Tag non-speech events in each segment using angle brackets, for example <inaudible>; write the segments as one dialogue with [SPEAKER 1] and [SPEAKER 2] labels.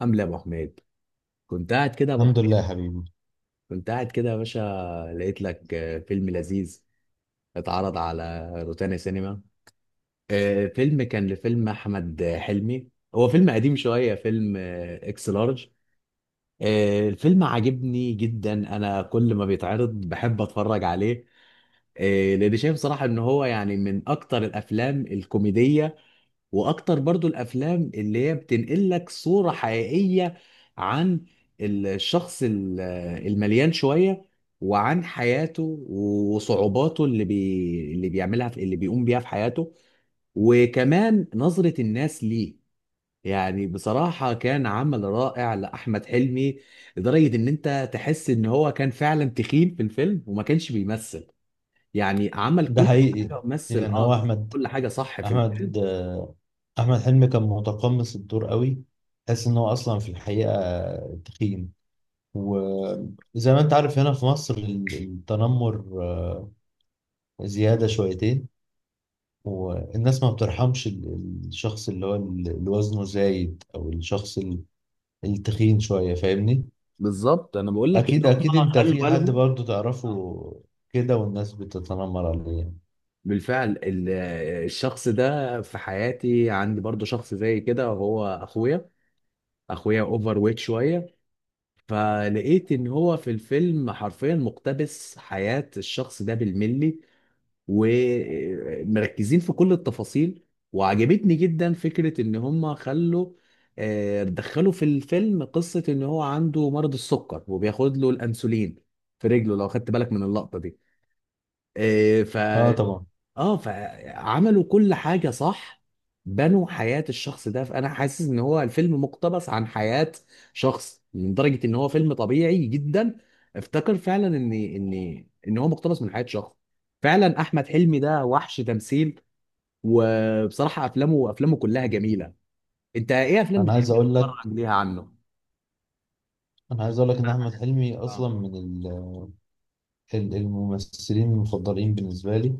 [SPEAKER 1] عامل ايه يا ابو حميد؟ كنت قاعد كده يا ابو
[SPEAKER 2] الحمد لله
[SPEAKER 1] حميد،
[SPEAKER 2] يا حبيبي.
[SPEAKER 1] كنت قاعد كده يا باشا. لقيت لك فيلم لذيذ اتعرض على روتانا سينما. فيلم كان لفيلم احمد حلمي. هو فيلم قديم شويه، فيلم اكس لارج. الفيلم عاجبني جدا، انا كل ما بيتعرض بحب اتفرج عليه. لان شايف صراحه ان هو يعني من اكتر الافلام الكوميديه، واكتر برضو الافلام اللي هي بتنقل لك صورة حقيقية عن الشخص المليان شوية، وعن حياته وصعوباته اللي بيقوم بيها في حياته، وكمان نظرة الناس ليه. يعني بصراحة كان عمل رائع لأحمد حلمي، لدرجة إن أنت تحس إن هو كان فعلا تخين في الفيلم وما كانش بيمثل. يعني عمل
[SPEAKER 2] ده
[SPEAKER 1] كل
[SPEAKER 2] حقيقي
[SPEAKER 1] حاجة مثل
[SPEAKER 2] يعني. هو
[SPEAKER 1] كل حاجة صح في الفيلم.
[SPEAKER 2] احمد آه، احمد حلمي كان متقمص الدور قوي. تحس ان هو اصلا في الحقيقه تخين. وزي ما انت عارف، هنا في مصر التنمر زياده شويتين، والناس ما بترحمش الشخص اللي هو اللي وزنه زايد، او الشخص التخين شويه، فاهمني؟
[SPEAKER 1] بالظبط انا بقول لك ان
[SPEAKER 2] اكيد
[SPEAKER 1] هم
[SPEAKER 2] اكيد، انت
[SPEAKER 1] خلوا
[SPEAKER 2] في حد
[SPEAKER 1] بالهم.
[SPEAKER 2] برضو تعرفه
[SPEAKER 1] آه.
[SPEAKER 2] كده، والناس بتتنمر عليه.
[SPEAKER 1] بالفعل الشخص ده في حياتي، عندي برضو شخص زي كده، هو اخويا. اخويا اوفر ويت شويه، فلقيت ان هو في الفيلم حرفيا مقتبس حياة الشخص ده بالملي، ومركزين في كل التفاصيل. وعجبتني جدا فكرة ان هم خلوا آه، دخلوا في الفيلم قصة ان هو عنده مرض السكر وبياخد له الانسولين في رجله، لو خدت بالك من اللقطة دي. إيه
[SPEAKER 2] اه طبعا.
[SPEAKER 1] اه، فعملوا كل حاجة صح، بنوا حياة الشخص ده. فأنا حاسس إن هو الفيلم مقتبس عن حياة شخص، من درجة إن هو فيلم طبيعي جدا. افتكر فعلا إن هو مقتبس من حياة شخص. فعلا أحمد حلمي ده وحش تمثيل، وبصراحة أفلامه كلها جميلة. أنت إيه أفلام
[SPEAKER 2] انا عايز
[SPEAKER 1] بتحب
[SPEAKER 2] اقول لك
[SPEAKER 1] تتفرج ليها عنه؟
[SPEAKER 2] انا عايز اقول لك ان
[SPEAKER 1] أنا
[SPEAKER 2] احمد
[SPEAKER 1] حاجات.
[SPEAKER 2] حلمي
[SPEAKER 1] آه.
[SPEAKER 2] اصلا من الممثلين المفضلين بالنسبه لي.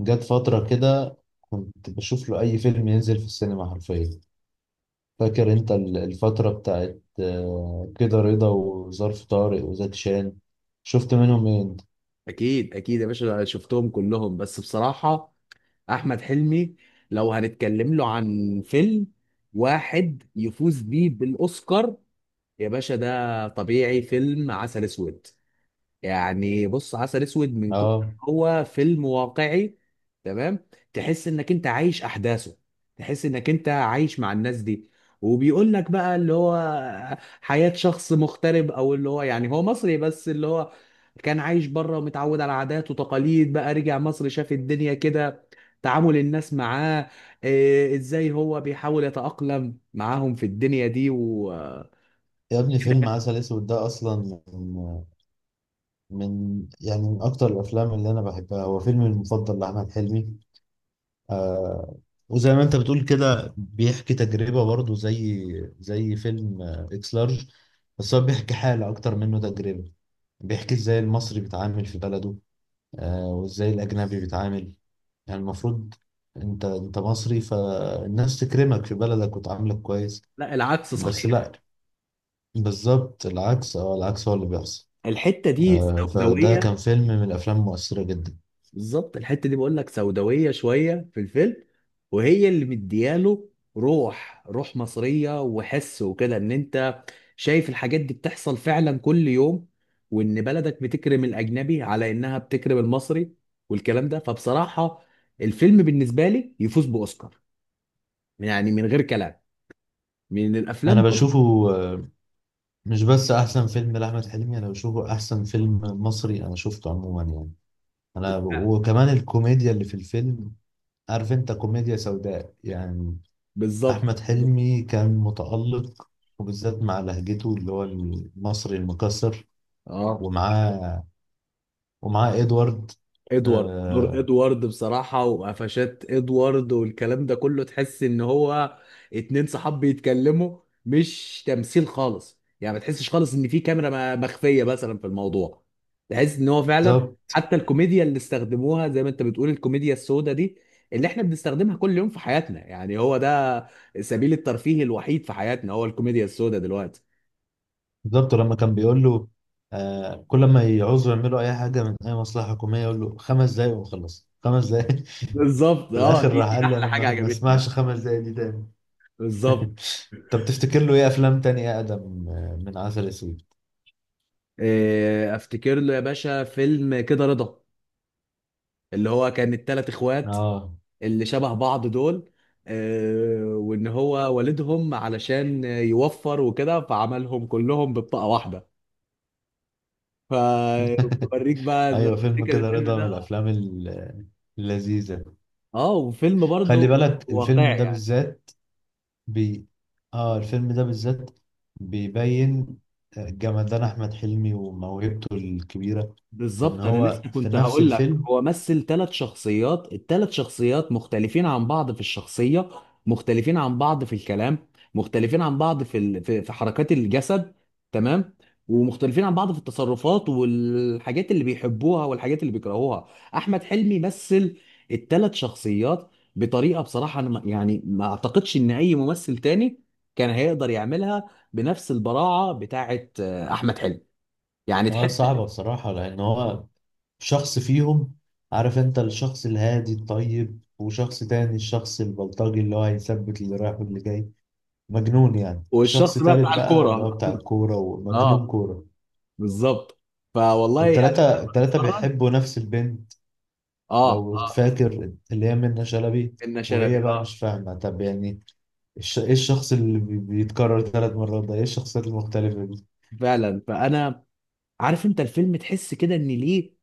[SPEAKER 2] جت فتره كده، كنت بشوف له اي فيلم ينزل في السينما حرفيا. فاكر انت الفتره بتاعت كده رضا، وظرف طارق، وزكي شان؟ شفت منهم ايه انت؟
[SPEAKER 1] أكيد أكيد يا باشا، شفتهم كلهم بس بصراحة احمد حلمي لو هنتكلم له عن فيلم واحد يفوز بيه بالاوسكار، يا باشا ده طبيعي فيلم عسل اسود. يعني بص، عسل اسود من كتر
[SPEAKER 2] اه،
[SPEAKER 1] هو فيلم واقعي، تمام، تحس انك انت عايش احداثه، تحس انك انت عايش مع الناس دي، وبيقول لك بقى اللي هو حياة شخص مغترب، او اللي هو يعني هو مصري بس اللي هو كان عايش بره ومتعود على عادات وتقاليد، بقى رجع مصر شاف الدنيا كده، تعامل الناس معاه، إيه ازاي هو بيحاول يتأقلم معاهم في الدنيا دي
[SPEAKER 2] يا ابني فيلم عسل اسود ده اصلا يعني من اكتر الافلام اللي انا بحبها. هو فيلمي المفضل لاحمد حلمي. آه وزي ما انت بتقول كده، بيحكي تجربة برضه، زي فيلم اكس لارج. بس هو بيحكي حالة اكتر منه تجربة. بيحكي ازاي المصري بيتعامل في بلده، وازاي الاجنبي بيتعامل. يعني المفروض انت مصري، فالناس تكرمك في بلدك وتعاملك كويس.
[SPEAKER 1] لا، العكس
[SPEAKER 2] بس
[SPEAKER 1] صحيح.
[SPEAKER 2] لا، بالظبط العكس. اه العكس هو اللي بيحصل.
[SPEAKER 1] الحتة دي
[SPEAKER 2] فده
[SPEAKER 1] سوداوية.
[SPEAKER 2] كان فيلم من الافلام المؤثرة جدا.
[SPEAKER 1] بالظبط الحته دي بقول لك سوداويه شويه في الفيلم، وهي اللي مدياله روح روح مصريه، وحس وكده ان انت شايف الحاجات دي بتحصل فعلا كل يوم، وان بلدك بتكرم الاجنبي على انها بتكرم المصري والكلام ده. فبصراحه الفيلم بالنسبه لي يفوز باوسكار، يعني من غير كلام، من
[SPEAKER 2] انا
[SPEAKER 1] الافلام.
[SPEAKER 2] بشوفه آه، مش بس احسن فيلم لاحمد حلمي، انا بشوفه احسن فيلم مصري انا شفته عموما يعني. انا، وكمان الكوميديا اللي في الفيلم، عارف انت، كوميديا سوداء يعني.
[SPEAKER 1] <laughs> بالظبط.
[SPEAKER 2] احمد حلمي كان متالق، وبالذات مع لهجته اللي هو المصري المكسر.
[SPEAKER 1] اه،
[SPEAKER 2] ومعاه ومعاه ادوارد.
[SPEAKER 1] ادوارد، دور
[SPEAKER 2] آه،
[SPEAKER 1] ادوارد بصراحة، وقفشات ادوارد والكلام ده كله تحس ان هو اتنين صحاب بيتكلموا، مش تمثيل خالص، يعني ما تحسش خالص ان في كاميرا مخفية مثلا في الموضوع. تحس ان هو فعلا
[SPEAKER 2] بالظبط،
[SPEAKER 1] حتى الكوميديا اللي استخدموها، زي ما انت بتقول الكوميديا السوداء دي اللي احنا بنستخدمها كل يوم في حياتنا، يعني هو ده سبيل الترفيه الوحيد في حياتنا، هو الكوميديا السوداء دلوقتي.
[SPEAKER 2] بالظبط، لما كان بيقول له كل ما يعوزوا يعملوا اي حاجه من اي مصلحه حكوميه، يقول له 5 دقايق وخلص، 5 دقايق.
[SPEAKER 1] بالظبط.
[SPEAKER 2] <laughs> في
[SPEAKER 1] اه،
[SPEAKER 2] الاخر
[SPEAKER 1] دي
[SPEAKER 2] راح
[SPEAKER 1] دي
[SPEAKER 2] قال له:
[SPEAKER 1] احلى
[SPEAKER 2] انا
[SPEAKER 1] حاجة
[SPEAKER 2] ما
[SPEAKER 1] عجبتني
[SPEAKER 2] اسمعش 5 دقايق دي تاني.
[SPEAKER 1] بالظبط.
[SPEAKER 2] <laughs> طب تفتكر له ايه افلام تانية اقدم من عسل اسود؟
[SPEAKER 1] إيه، افتكر له يا باشا فيلم كده رضا، اللي هو كان التلات اخوات
[SPEAKER 2] اه
[SPEAKER 1] اللي شبه بعض دول، إيه، وان هو والدهم علشان يوفر وكده فعملهم كلهم ببطاقة واحدة، فبوريك بقى لو
[SPEAKER 2] ايوه، فيلم
[SPEAKER 1] تفتكر
[SPEAKER 2] كده
[SPEAKER 1] الفيلم
[SPEAKER 2] رضا من
[SPEAKER 1] ده.
[SPEAKER 2] الافلام اللذيذة.
[SPEAKER 1] اه، وفيلم
[SPEAKER 2] خلي
[SPEAKER 1] برضه
[SPEAKER 2] بالك،
[SPEAKER 1] واقعي يعني.
[SPEAKER 2] بي اه الفيلم ده بالذات بيبين جمدان احمد حلمي وموهبته الكبيرة، ان
[SPEAKER 1] بالظبط، انا
[SPEAKER 2] هو
[SPEAKER 1] لسه
[SPEAKER 2] في
[SPEAKER 1] كنت
[SPEAKER 2] نفس
[SPEAKER 1] هقول لك
[SPEAKER 2] الفيلم.
[SPEAKER 1] هو مثل ثلاث شخصيات، الثلاث شخصيات مختلفين عن بعض في الشخصيه، مختلفين عن بعض في الكلام، مختلفين عن بعض في حركات الجسد، تمام، ومختلفين عن بعض في التصرفات والحاجات اللي بيحبوها والحاجات اللي بيكرهوها. احمد حلمي مثل الثلاث شخصيات بطريقه، بصراحه انا يعني ما اعتقدش ان اي ممثل تاني كان هيقدر يعملها بنفس البراعه بتاعه احمد حلمي. يعني
[SPEAKER 2] اه
[SPEAKER 1] تحس.
[SPEAKER 2] صعبة بصراحة، لان هو شخص فيهم. عارف انت، الشخص الهادي الطيب، وشخص تاني الشخص البلطجي اللي هو هيثبت اللي رايح واللي جاي، مجنون يعني. شخص
[SPEAKER 1] والشخص بقى
[SPEAKER 2] تالت
[SPEAKER 1] بتاع
[SPEAKER 2] بقى اللي هو
[SPEAKER 1] الكوره.
[SPEAKER 2] بتاع الكورة
[SPEAKER 1] <laughs>
[SPEAKER 2] ومجنون
[SPEAKER 1] اه.
[SPEAKER 2] كورة.
[SPEAKER 1] بالظبط. فوالله يعني
[SPEAKER 2] والتلاتة
[SPEAKER 1] مهما تتفرج.
[SPEAKER 2] بيحبوا نفس البنت،
[SPEAKER 1] اه،
[SPEAKER 2] لو
[SPEAKER 1] اه،
[SPEAKER 2] فاكر، اللي هي منة شلبي.
[SPEAKER 1] ان
[SPEAKER 2] وهي
[SPEAKER 1] شلبي،
[SPEAKER 2] بقى
[SPEAKER 1] اه.
[SPEAKER 2] مش فاهمة، طب يعني ايه الشخص اللي بيتكرر 3 مرات ده؟ ايه الشخصيات المختلفة دي؟
[SPEAKER 1] فعلا فانا عارف انت الفيلم، تحس كده ان ليه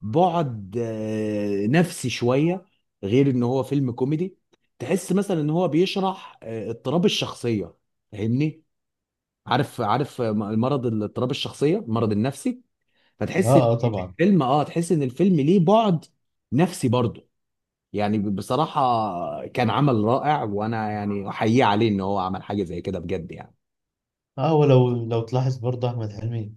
[SPEAKER 1] بعد نفسي شويه، غير ان هو فيلم كوميدي. تحس مثلا ان هو بيشرح اضطراب الشخصيه، فاهمني؟ عارف، عارف مرض الاضطراب الشخصيه، المرض النفسي.
[SPEAKER 2] اه،
[SPEAKER 1] فتحس ان
[SPEAKER 2] اه، طبعا.
[SPEAKER 1] الفيلم، تحس ان الفيلم ليه بعد نفسي برضه. يعني بصراحة كان عمل رائع، وأنا يعني أحييه عليه إن هو عمل حاجة زي كده بجد يعني.
[SPEAKER 2] اه، ولو تلاحظ برضه، احمد حلمي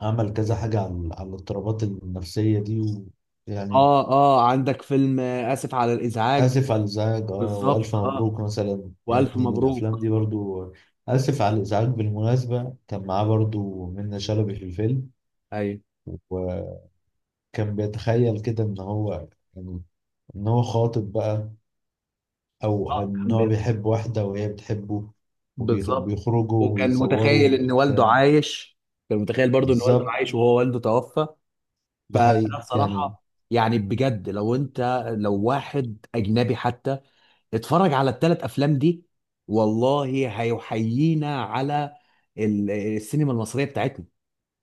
[SPEAKER 2] عمل كذا حاجة على الاضطرابات النفسية دي، ويعني...
[SPEAKER 1] آه آه، عندك فيلم آسف على الإزعاج.
[SPEAKER 2] آسف على الإزعاج،
[SPEAKER 1] بالظبط،
[SPEAKER 2] وألف مبروك مثلا،
[SPEAKER 1] وألف
[SPEAKER 2] يعني الأفلام
[SPEAKER 1] مبروك.
[SPEAKER 2] دي برضو. آسف على الإزعاج بالمناسبة كان معاه برضو منة شلبي في الفيلم.
[SPEAKER 1] أيوه،
[SPEAKER 2] وكان بيتخيل كده إن هو يعني إن هو خاطب بقى، أو إن
[SPEAKER 1] كان
[SPEAKER 2] هو بيحب واحدة وهي بتحبه،
[SPEAKER 1] بالظبط.
[SPEAKER 2] وبيخرجوا
[SPEAKER 1] وكان
[SPEAKER 2] ويتصوروا
[SPEAKER 1] متخيل إن والده
[SPEAKER 2] وبتاع.
[SPEAKER 1] عايش، كان متخيل برضو إن والده عايش
[SPEAKER 2] بالظبط.
[SPEAKER 1] وهو والده توفى.
[SPEAKER 2] ده
[SPEAKER 1] فأنا
[SPEAKER 2] حقيقي يعني.
[SPEAKER 1] بصراحة يعني بجد، لو أنت لو واحد أجنبي حتى اتفرج على الثلاث افلام دي، والله هيحيينا على السينما المصريه بتاعتنا.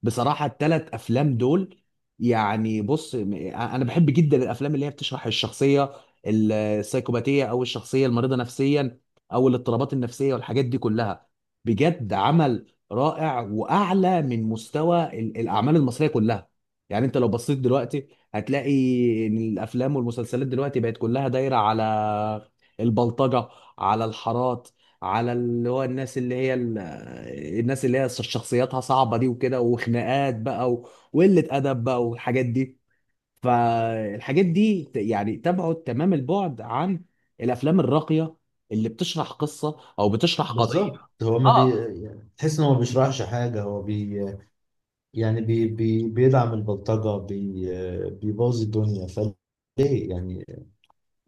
[SPEAKER 1] بصراحة التلات أفلام دول، يعني بص أنا بحب جدا الأفلام اللي هي بتشرح الشخصية السيكوباتية، أو الشخصية المريضة نفسيا، أو الاضطرابات النفسية والحاجات دي كلها. بجد عمل رائع وأعلى من مستوى الأعمال المصرية كلها. يعني أنت لو بصيت دلوقتي هتلاقي إن الأفلام والمسلسلات دلوقتي بقت كلها دايرة على البلطجة، على الحارات، على اللي هو الناس اللي هي شخصياتها صعبة دي وكده، وخناقات بقى وقلة أدب بقى والحاجات دي. فالحاجات دي يعني تبعد تمام البعد عن الأفلام الراقية اللي بتشرح قصة أو بتشرح قضية.
[SPEAKER 2] بالظبط، هو ما بي
[SPEAKER 1] اه
[SPEAKER 2] يعني تحس إن هو ما بيشرحش حاجة. هو بي يعني بي بي بيدعم البلطجة. بيبوظ الدنيا، فليه يعني؟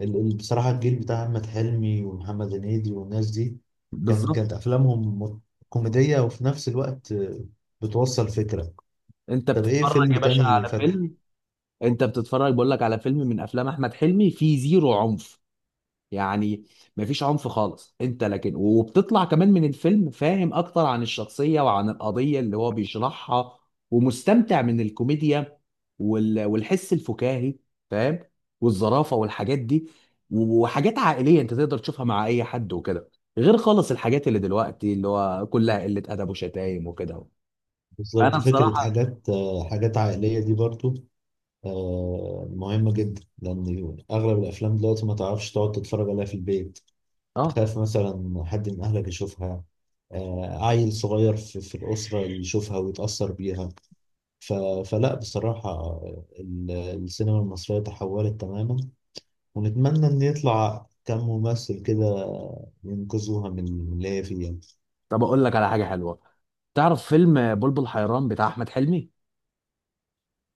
[SPEAKER 2] بصراحة الجيل بتاع أحمد حلمي ومحمد هنيدي والناس دي،
[SPEAKER 1] بالظبط.
[SPEAKER 2] كانت أفلامهم كوميدية، وفي نفس الوقت بتوصل فكرة.
[SPEAKER 1] انت
[SPEAKER 2] طب إيه
[SPEAKER 1] بتتفرج
[SPEAKER 2] فيلم
[SPEAKER 1] يا باشا
[SPEAKER 2] تاني
[SPEAKER 1] على
[SPEAKER 2] فاكره؟
[SPEAKER 1] فيلم، انت بتتفرج بقول لك على فيلم من افلام احمد حلمي فيه زيرو عنف، يعني مفيش عنف خالص انت، لكن وبتطلع كمان من الفيلم فاهم اكتر عن الشخصية وعن القضية اللي هو بيشرحها، ومستمتع من الكوميديا والحس الفكاهي، فاهم؟ والظرافة والحاجات دي، وحاجات عائلية انت تقدر تشوفها مع اي حد وكده، غير خالص الحاجات اللي دلوقتي اللي هو كلها قلة ادب وشتايم وكده.
[SPEAKER 2] بالظبط،
[SPEAKER 1] انا
[SPEAKER 2] فكرة.
[SPEAKER 1] بصراحة
[SPEAKER 2] حاجات عائلية دي برضو مهمة جدا، لأن أغلب الأفلام دلوقتي ما تعرفش تقعد تتفرج عليها في البيت.
[SPEAKER 1] اه
[SPEAKER 2] تخاف مثلا حد من أهلك يشوفها، عيل صغير في الأسرة يشوفها ويتأثر بيها. ف... فلا بصراحة، السينما المصرية تحولت تماما. ونتمنى إن يطلع كم ممثل كده ينقذوها من اللي هي فيها.
[SPEAKER 1] طب اقول لك على حاجة حلوة، تعرف فيلم بلبل حيران بتاع احمد حلمي؟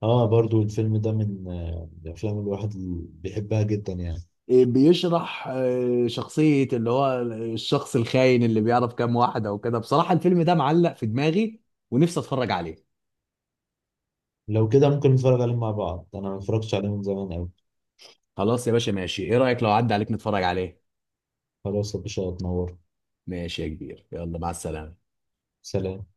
[SPEAKER 2] اه، برضو الفيلم ده من الأفلام اللي الواحد بيحبها جدا يعني.
[SPEAKER 1] بيشرح شخصية اللي هو الشخص الخاين اللي بيعرف كام واحدة وكده، بصراحة الفيلم ده معلق في دماغي ونفسي اتفرج عليه.
[SPEAKER 2] لو كده ممكن نتفرج عليه مع بعض، أنا ما اتفرجتش عليه من زمان أوي.
[SPEAKER 1] خلاص يا باشا ماشي، ايه رأيك لو عدى عليك نتفرج عليه.
[SPEAKER 2] خلاص يا باشا، اتنور.
[SPEAKER 1] ماشي يا كبير، يلا مع السلامة.
[SPEAKER 2] سلام.